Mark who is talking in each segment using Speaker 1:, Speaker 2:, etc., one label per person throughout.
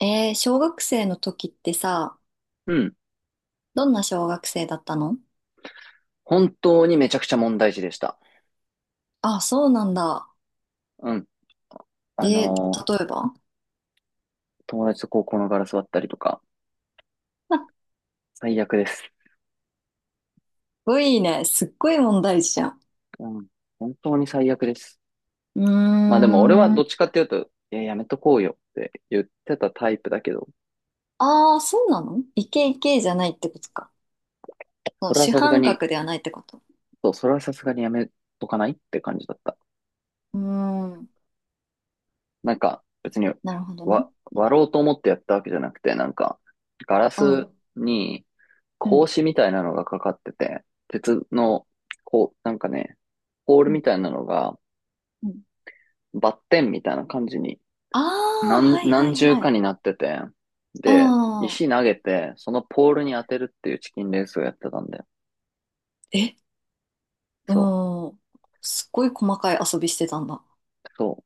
Speaker 1: 小学生の時ってさ、
Speaker 2: うん。
Speaker 1: どんな小学生だったの？
Speaker 2: 本当にめちゃくちゃ問題児でした。
Speaker 1: あ、そうなんだ。
Speaker 2: うん。
Speaker 1: え
Speaker 2: あ
Speaker 1: ー、例
Speaker 2: のー
Speaker 1: えば、
Speaker 2: 友達と高校のガラス割ったりとか、
Speaker 1: すっ
Speaker 2: 最悪です。
Speaker 1: ごいね。すっごい問題児じゃん。
Speaker 2: うん。本当に最悪です。
Speaker 1: うー
Speaker 2: まあでも俺はど
Speaker 1: ん。
Speaker 2: っちかっていうと、いや、やめとこうよって言ってたタイプだけど、
Speaker 1: ああ、そうなの？イケイケじゃないってことか。その
Speaker 2: それは
Speaker 1: 主
Speaker 2: さすが
Speaker 1: 犯
Speaker 2: に、
Speaker 1: 格ではないってこと。
Speaker 2: そう、それはさすがにやめとかないって感じだった。
Speaker 1: うーん。
Speaker 2: なんか、別に、
Speaker 1: なるほどね。
Speaker 2: 割ろうと思ってやったわけじゃなくて、なんか、ガラ
Speaker 1: うん。
Speaker 2: スに、
Speaker 1: うん。
Speaker 2: 格子みたいなのがかかってて、鉄の、こう、なんかね、ポール
Speaker 1: う
Speaker 2: み
Speaker 1: ん。
Speaker 2: たいなのが
Speaker 1: うん、
Speaker 2: バッテンみたいな感じに、
Speaker 1: ああ、はいは
Speaker 2: 何
Speaker 1: い
Speaker 2: 重
Speaker 1: は
Speaker 2: か
Speaker 1: い。
Speaker 2: になってて、
Speaker 1: あ
Speaker 2: で、石投
Speaker 1: あ。
Speaker 2: げて、そのポールに当てるっていうチキンレースをやってたんで、
Speaker 1: え、
Speaker 2: そう、
Speaker 1: うん。すっごい細かい遊びしてたんだ。
Speaker 2: そ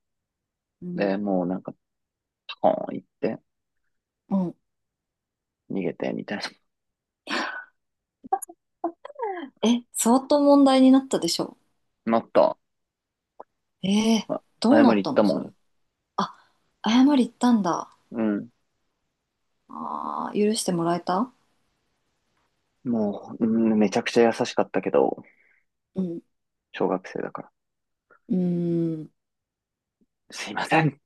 Speaker 1: う
Speaker 2: う。
Speaker 1: ん。
Speaker 2: で、もうなんか、パコーン行って、
Speaker 1: うん。
Speaker 2: 逃げて、みたいな。
Speaker 1: え、相当問題になったでしょ？
Speaker 2: なった。
Speaker 1: ええ、
Speaker 2: あ、
Speaker 1: どう
Speaker 2: 謝
Speaker 1: なっ
Speaker 2: り行っ
Speaker 1: た
Speaker 2: た
Speaker 1: の
Speaker 2: も
Speaker 1: それ？
Speaker 2: ん。
Speaker 1: あ、謝り行ったんだ。
Speaker 2: うん。
Speaker 1: ああ、許してもらえた？
Speaker 2: もう、うん、めちゃくちゃ優しかったけど、
Speaker 1: うん。
Speaker 2: 小学生だから。
Speaker 1: うーん、
Speaker 2: すいません。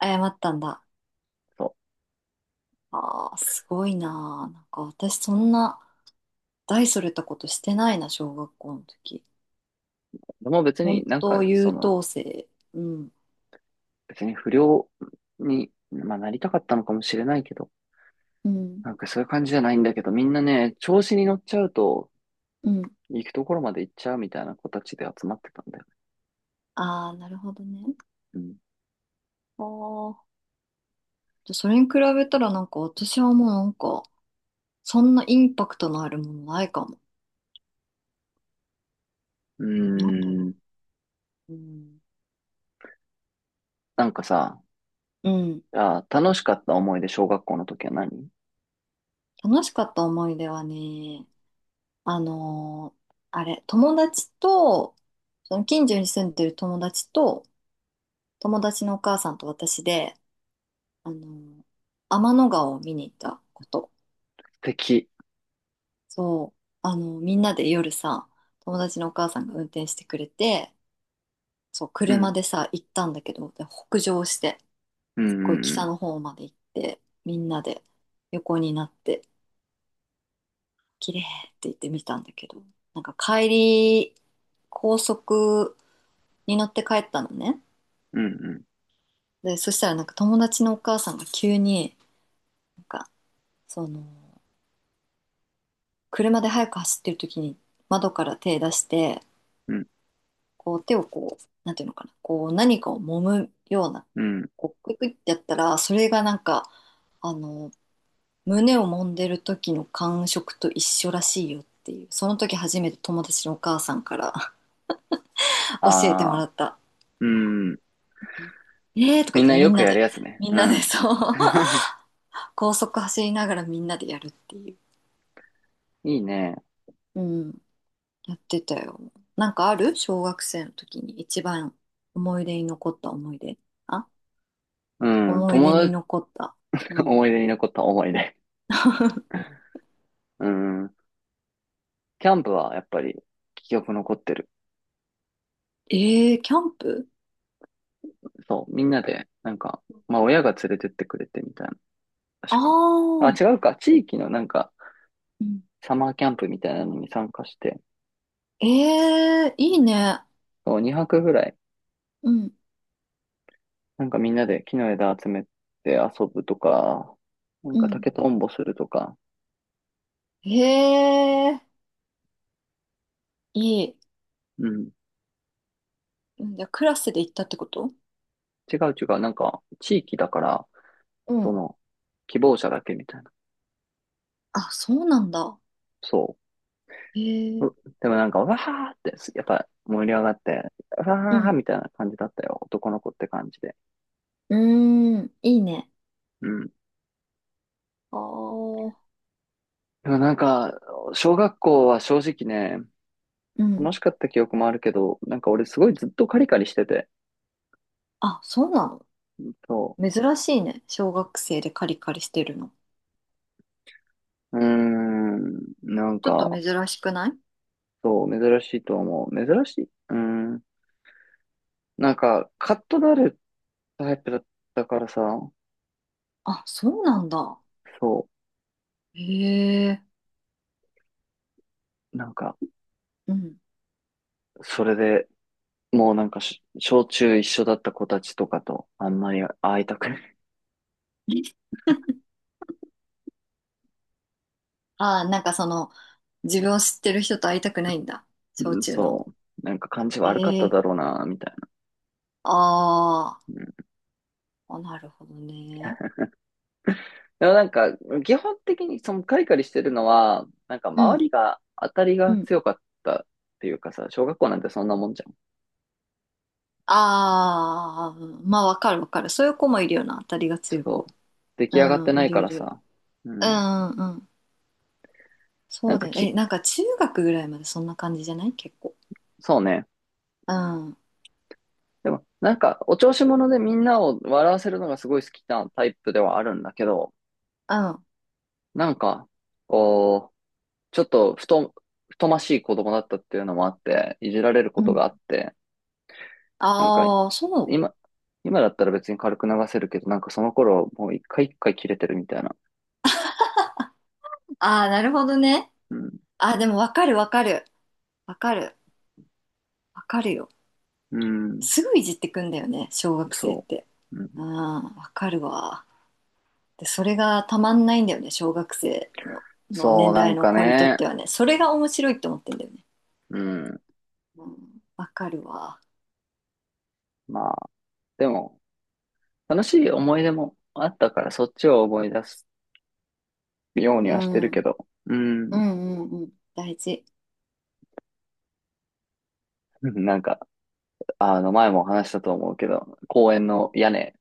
Speaker 1: 謝ったんだ。
Speaker 2: そ
Speaker 1: ああ、すごいなあ。なんか私そんな大それたことしてないな、小学校の時。
Speaker 2: う。でも別に
Speaker 1: 本
Speaker 2: なん
Speaker 1: 当
Speaker 2: か、
Speaker 1: 優等生。うん。
Speaker 2: 別に不良に、まあ、なりたかったのかもしれないけど、
Speaker 1: うん。
Speaker 2: なんかそういう感じじゃないんだけど、みんなね、調子に乗っちゃうと、
Speaker 1: うん。
Speaker 2: 行くところまで行っちゃうみたいな子たちで集まってたんだよね。
Speaker 1: ああ、なるほどね。ああ。じゃそれに比べたらなんか私はもうなんか、そんなインパクトのあるものないかも。
Speaker 2: うん。
Speaker 1: なんだ
Speaker 2: うー
Speaker 1: ろ
Speaker 2: ん。
Speaker 1: う。うん。
Speaker 2: なんかさ、
Speaker 1: うん。
Speaker 2: あー、楽しかった思い出、小学校の時は何？
Speaker 1: 楽しかった思い出はね、あのーあれ、友達と、その近所に住んでる友達と、友達のお母さんと私で、あのー天の川を見に行ったこと。
Speaker 2: 素敵。
Speaker 1: そう、みんなで夜さ、友達のお母さんが運転してくれて、そう、
Speaker 2: う
Speaker 1: 車
Speaker 2: ん。
Speaker 1: でさ、行ったんだけど、で北上して、
Speaker 2: うんう
Speaker 1: すっごい
Speaker 2: んう
Speaker 1: 北
Speaker 2: ん。
Speaker 1: の方まで行って、みんなで横になって、綺麗って言ってみたんだけど、なんか帰り、高速に乗って帰ったのね。
Speaker 2: うん
Speaker 1: で、そしたらなんか友達のお母さんが急に、なんか、その、車で早く走ってる時に窓から手出して、
Speaker 2: うん。
Speaker 1: こう手をこう、なんていうのかな、こう何かを揉むような、
Speaker 2: うん。うん。
Speaker 1: こうクイクイってやったら、それがなんか、あの、胸を揉んでる時の感触と一緒らしいよっていう、その時初めて友達のお母さんから 教えても
Speaker 2: あ
Speaker 1: ら
Speaker 2: あ、
Speaker 1: った。
Speaker 2: うん。
Speaker 1: えーとか言
Speaker 2: みん
Speaker 1: って
Speaker 2: な
Speaker 1: み
Speaker 2: よ
Speaker 1: ん
Speaker 2: く
Speaker 1: な
Speaker 2: やる
Speaker 1: で、
Speaker 2: やつね。
Speaker 1: みん
Speaker 2: う
Speaker 1: なで
Speaker 2: ん。
Speaker 1: そう、高速走りながらみんなでやるっていう。
Speaker 2: いいね。
Speaker 1: うん、やってたよ。なんかある小学生の時に一番思い出に残った思い出。あ、
Speaker 2: うん。
Speaker 1: 思い
Speaker 2: 友
Speaker 1: 出に
Speaker 2: 達、
Speaker 1: 残った。う ん。
Speaker 2: 思い出に残った思い出。うん。キャンプはやっぱり記憶残ってる。
Speaker 1: えー、キャンプ？
Speaker 2: そう。みんなで、なんか、まあ親が連れてってくれてみたいな
Speaker 1: あ
Speaker 2: 確か。
Speaker 1: あ
Speaker 2: あ、
Speaker 1: ー、
Speaker 2: 違うか。地域のなんか、
Speaker 1: うん、
Speaker 2: サマーキャンプみたいなのに参加して、
Speaker 1: えー、いいね。
Speaker 2: 2泊ぐらい、
Speaker 1: うん、
Speaker 2: なんかみんなで木の枝集めて遊ぶとか、なん
Speaker 1: う
Speaker 2: か
Speaker 1: ん。
Speaker 2: 竹とんぼするとか、
Speaker 1: えー、いい。
Speaker 2: うん。
Speaker 1: うん、じゃあクラスで行ったってこと？
Speaker 2: 違う違う。なんか、地域だから、
Speaker 1: う
Speaker 2: そ
Speaker 1: ん。
Speaker 2: の、希望者だけみたいな。
Speaker 1: あ、そうなんだ。
Speaker 2: そ
Speaker 1: え
Speaker 2: う。
Speaker 1: ー、
Speaker 2: でもなんか、わーって、やっぱ盛り上がって、
Speaker 1: う
Speaker 2: わー
Speaker 1: ん。
Speaker 2: みたいな感じだったよ。男の子って感じで。
Speaker 1: うーん、いいね。
Speaker 2: うん。
Speaker 1: ああ、
Speaker 2: でもなんか、小学校は正直ね、
Speaker 1: うん。
Speaker 2: 楽しかった記憶もあるけど、なんか俺すごいずっとカリカリしてて、
Speaker 1: あ、そうなの？
Speaker 2: そ
Speaker 1: 珍しいね。小学生でカリカリしてるの。
Speaker 2: う。うーん、なん
Speaker 1: ちょっと
Speaker 2: か、
Speaker 1: 珍しくない？
Speaker 2: そう、珍しいと思う。珍しい。うーん、なんか、カッとなるタイプだったからさ、
Speaker 1: あ、そうなんだ。
Speaker 2: そ
Speaker 1: へえ。
Speaker 2: う、なんか、
Speaker 1: うん。
Speaker 2: それで、もうなんか小中一緒だった子たちとかと、あんまり会いたくない。
Speaker 1: ああ、なんかその、自分を知ってる人と会いたくないんだ。小
Speaker 2: うん、
Speaker 1: 中の。
Speaker 2: そう。なんか感じ悪かった
Speaker 1: え
Speaker 2: だろう
Speaker 1: え、
Speaker 2: な、みたいな。
Speaker 1: あー、
Speaker 2: うん。
Speaker 1: あ、なるほどね。
Speaker 2: でもなんか、基本的にそのカリカリしてるのは、なんか
Speaker 1: う
Speaker 2: 周
Speaker 1: ん、
Speaker 2: りが当たり
Speaker 1: う
Speaker 2: が
Speaker 1: ん。
Speaker 2: 強かったっていうかさ、小学校なんてそんなもんじゃん。
Speaker 1: ああ、まあわかるわかる。そういう子もいるよな。当たりが
Speaker 2: ちょ
Speaker 1: 強
Speaker 2: っ
Speaker 1: い子。
Speaker 2: と、出来上がっ
Speaker 1: う
Speaker 2: て
Speaker 1: ん、
Speaker 2: な
Speaker 1: い
Speaker 2: い
Speaker 1: る
Speaker 2: か
Speaker 1: い
Speaker 2: ら
Speaker 1: る。
Speaker 2: さ。う
Speaker 1: う
Speaker 2: ん。
Speaker 1: ん、うん。
Speaker 2: な
Speaker 1: そ
Speaker 2: ん
Speaker 1: う
Speaker 2: か
Speaker 1: だよ。え、
Speaker 2: き、
Speaker 1: なんか中学ぐらいまでそんな感じじゃない結構。
Speaker 2: そうね。
Speaker 1: うん。うん。
Speaker 2: でも、なんか、お調子者でみんなを笑わせるのがすごい好きなタイプではあるんだけど、
Speaker 1: あ、
Speaker 2: なんか、こう、ちょっと、ふと、太ましい子供だったっていうのもあって、いじられるこ
Speaker 1: う
Speaker 2: とがあ
Speaker 1: ん、
Speaker 2: って、なんか、
Speaker 1: あ、そう。
Speaker 2: 今、今だったら別に軽く流せるけど、なんかその頃、もう一回一回切れてるみたいな。
Speaker 1: ああ、なるほどね。
Speaker 2: うん。
Speaker 1: あ、でもわかるわかる。わかる。わかるよ。
Speaker 2: うん。
Speaker 1: すぐいじってくんだよね、小学生っ
Speaker 2: そ
Speaker 1: て。
Speaker 2: う。うん。
Speaker 1: うん、わかるわ。で、それがたまんないんだよね、小学生の、
Speaker 2: そう、
Speaker 1: 年
Speaker 2: な
Speaker 1: 代
Speaker 2: ん
Speaker 1: の
Speaker 2: か
Speaker 1: 子にとっ
Speaker 2: ね。
Speaker 1: てはね。それが面白いって思ってんだよね。
Speaker 2: うん。
Speaker 1: うん、わかるわ。
Speaker 2: まあ、でも、楽しい思い出もあったから、そっちを思い出すように
Speaker 1: う
Speaker 2: はして
Speaker 1: ん。
Speaker 2: る
Speaker 1: う
Speaker 2: け
Speaker 1: ん
Speaker 2: ど。う
Speaker 1: う
Speaker 2: ん。
Speaker 1: んうん。大事。
Speaker 2: なんか、あの、前も話したと思うけど、公園の屋根、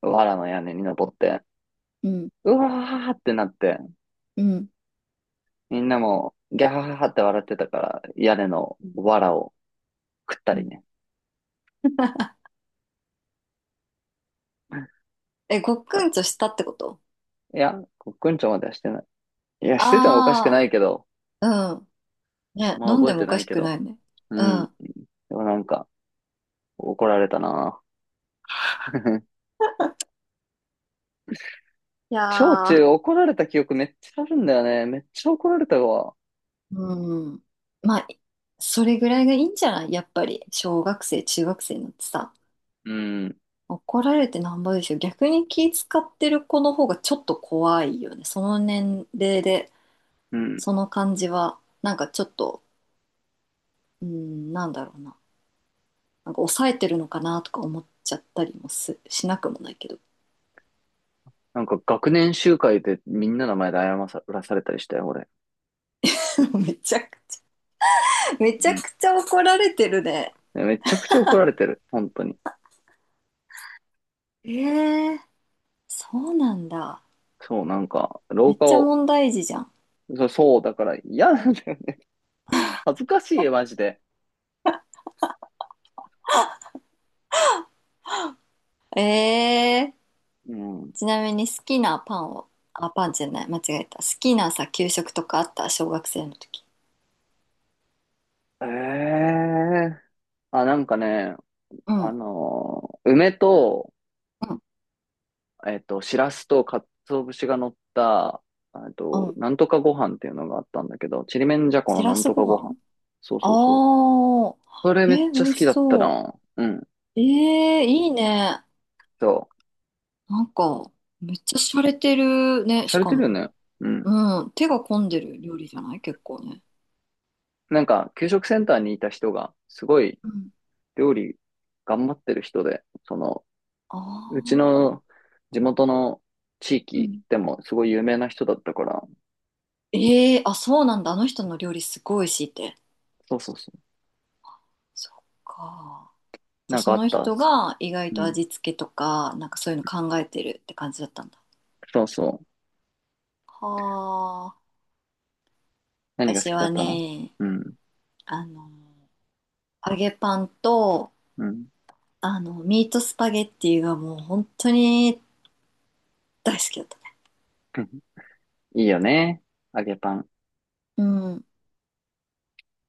Speaker 2: 藁の屋根に登って、
Speaker 1: うん。
Speaker 2: うわーってなって、
Speaker 1: うん。
Speaker 2: みんなも、ギャーって笑ってたから、屋根の
Speaker 1: うん。
Speaker 2: 藁を食った
Speaker 1: う
Speaker 2: り
Speaker 1: ん、
Speaker 2: ね。か
Speaker 1: え、ごっくんとしたってこと？
Speaker 2: いや、コックンチョまではしてない。いや、しててもおかしくな
Speaker 1: あ
Speaker 2: いけど、
Speaker 1: あー、うん。ね、
Speaker 2: まあ
Speaker 1: 飲ん
Speaker 2: 覚
Speaker 1: で
Speaker 2: え
Speaker 1: も
Speaker 2: て
Speaker 1: お
Speaker 2: な
Speaker 1: か
Speaker 2: い
Speaker 1: し
Speaker 2: け
Speaker 1: く
Speaker 2: ど。
Speaker 1: ないね。
Speaker 2: う
Speaker 1: う
Speaker 2: ん。で
Speaker 1: ん。
Speaker 2: もなんか、怒られたな。
Speaker 1: い
Speaker 2: 小
Speaker 1: や
Speaker 2: 中
Speaker 1: ー、
Speaker 2: 怒られた記憶めっちゃあるんだよね。めっちゃ怒られたわ。
Speaker 1: うん。まあ、それぐらいがいいんじゃない？やっぱり、小学生、中学生になってさ、
Speaker 2: うん。
Speaker 1: 怒られてなんぼでしょ。逆に気使ってる子の方がちょっと怖いよね。その年齢で、
Speaker 2: うん。
Speaker 1: その感じは、なんかちょっと、うん、なんだろうな。なんか抑えてるのかなとか思っちゃったりもす、しなくもないけど。
Speaker 2: なんか学年集会でみんなの前で謝らされたりしたよ、俺。
Speaker 1: めちゃくちゃ。めちゃ
Speaker 2: うん。
Speaker 1: くちゃ怒られてるね。
Speaker 2: めちゃくちゃ怒られてる。本当に。
Speaker 1: えー、そうなんだ。
Speaker 2: そう、なんか、廊
Speaker 1: めっ
Speaker 2: 下
Speaker 1: ちゃ
Speaker 2: を、
Speaker 1: 問題児じゃん。
Speaker 2: そう、そうだから嫌なんだよね。恥ずかしいよ、マジで。
Speaker 1: えー、
Speaker 2: うん。
Speaker 1: ちなみに好きなパンを、あ、パンじゃない、間違えた。好きなさ、給食とかあった小学生の時？
Speaker 2: ええあ、なんかね、
Speaker 1: うん、
Speaker 2: 梅と、
Speaker 1: うん、
Speaker 2: しらすと鰹節が乗った、
Speaker 1: うん。
Speaker 2: なんとかご飯っていうのがあったんだけど、ちりめんじゃこ
Speaker 1: し
Speaker 2: のな
Speaker 1: ら
Speaker 2: ん
Speaker 1: す
Speaker 2: とか
Speaker 1: ご
Speaker 2: ご
Speaker 1: 飯？
Speaker 2: 飯。そうそうそう。
Speaker 1: あ
Speaker 2: それ
Speaker 1: ー、
Speaker 2: めっ
Speaker 1: えー、美
Speaker 2: ちゃ
Speaker 1: 味
Speaker 2: 好き
Speaker 1: し
Speaker 2: だった
Speaker 1: そ
Speaker 2: な。うん。
Speaker 1: う。えー、いいね。
Speaker 2: そ
Speaker 1: なんか、めっちゃ洒落てる
Speaker 2: う。
Speaker 1: ね、
Speaker 2: し
Speaker 1: し
Speaker 2: ゃれ
Speaker 1: か
Speaker 2: てるよ
Speaker 1: も。
Speaker 2: ね。うん。
Speaker 1: うん、手が込んでる料理じゃない結構ね。
Speaker 2: なんか、給食センターにいた人が、すごい
Speaker 1: うん。
Speaker 2: 料理頑張ってる人で、その、
Speaker 1: あ
Speaker 2: うち
Speaker 1: ー。
Speaker 2: の地元の地
Speaker 1: う
Speaker 2: 域
Speaker 1: ん、
Speaker 2: でもすごい有名な人だったから、
Speaker 1: ええ、あ、そうなんだ。あの人の料理すごい美味しいって。
Speaker 2: そうそうそう。
Speaker 1: そっか。じゃ
Speaker 2: な
Speaker 1: あ
Speaker 2: ん
Speaker 1: そ
Speaker 2: かあっ
Speaker 1: の
Speaker 2: たっ
Speaker 1: 人
Speaker 2: す。
Speaker 1: が意外
Speaker 2: う
Speaker 1: と
Speaker 2: ん。
Speaker 1: 味付けとか、なんかそういうの考えてるって感じだったんだ。
Speaker 2: そうそう。
Speaker 1: はあ。
Speaker 2: 何が好
Speaker 1: 私
Speaker 2: きだ
Speaker 1: は
Speaker 2: ったの？
Speaker 1: ね、
Speaker 2: うん。
Speaker 1: あの、揚げパンと、
Speaker 2: うん。
Speaker 1: ミートスパゲッティがもう本当に大好きだったね。
Speaker 2: いいよね。揚げパン。
Speaker 1: うん。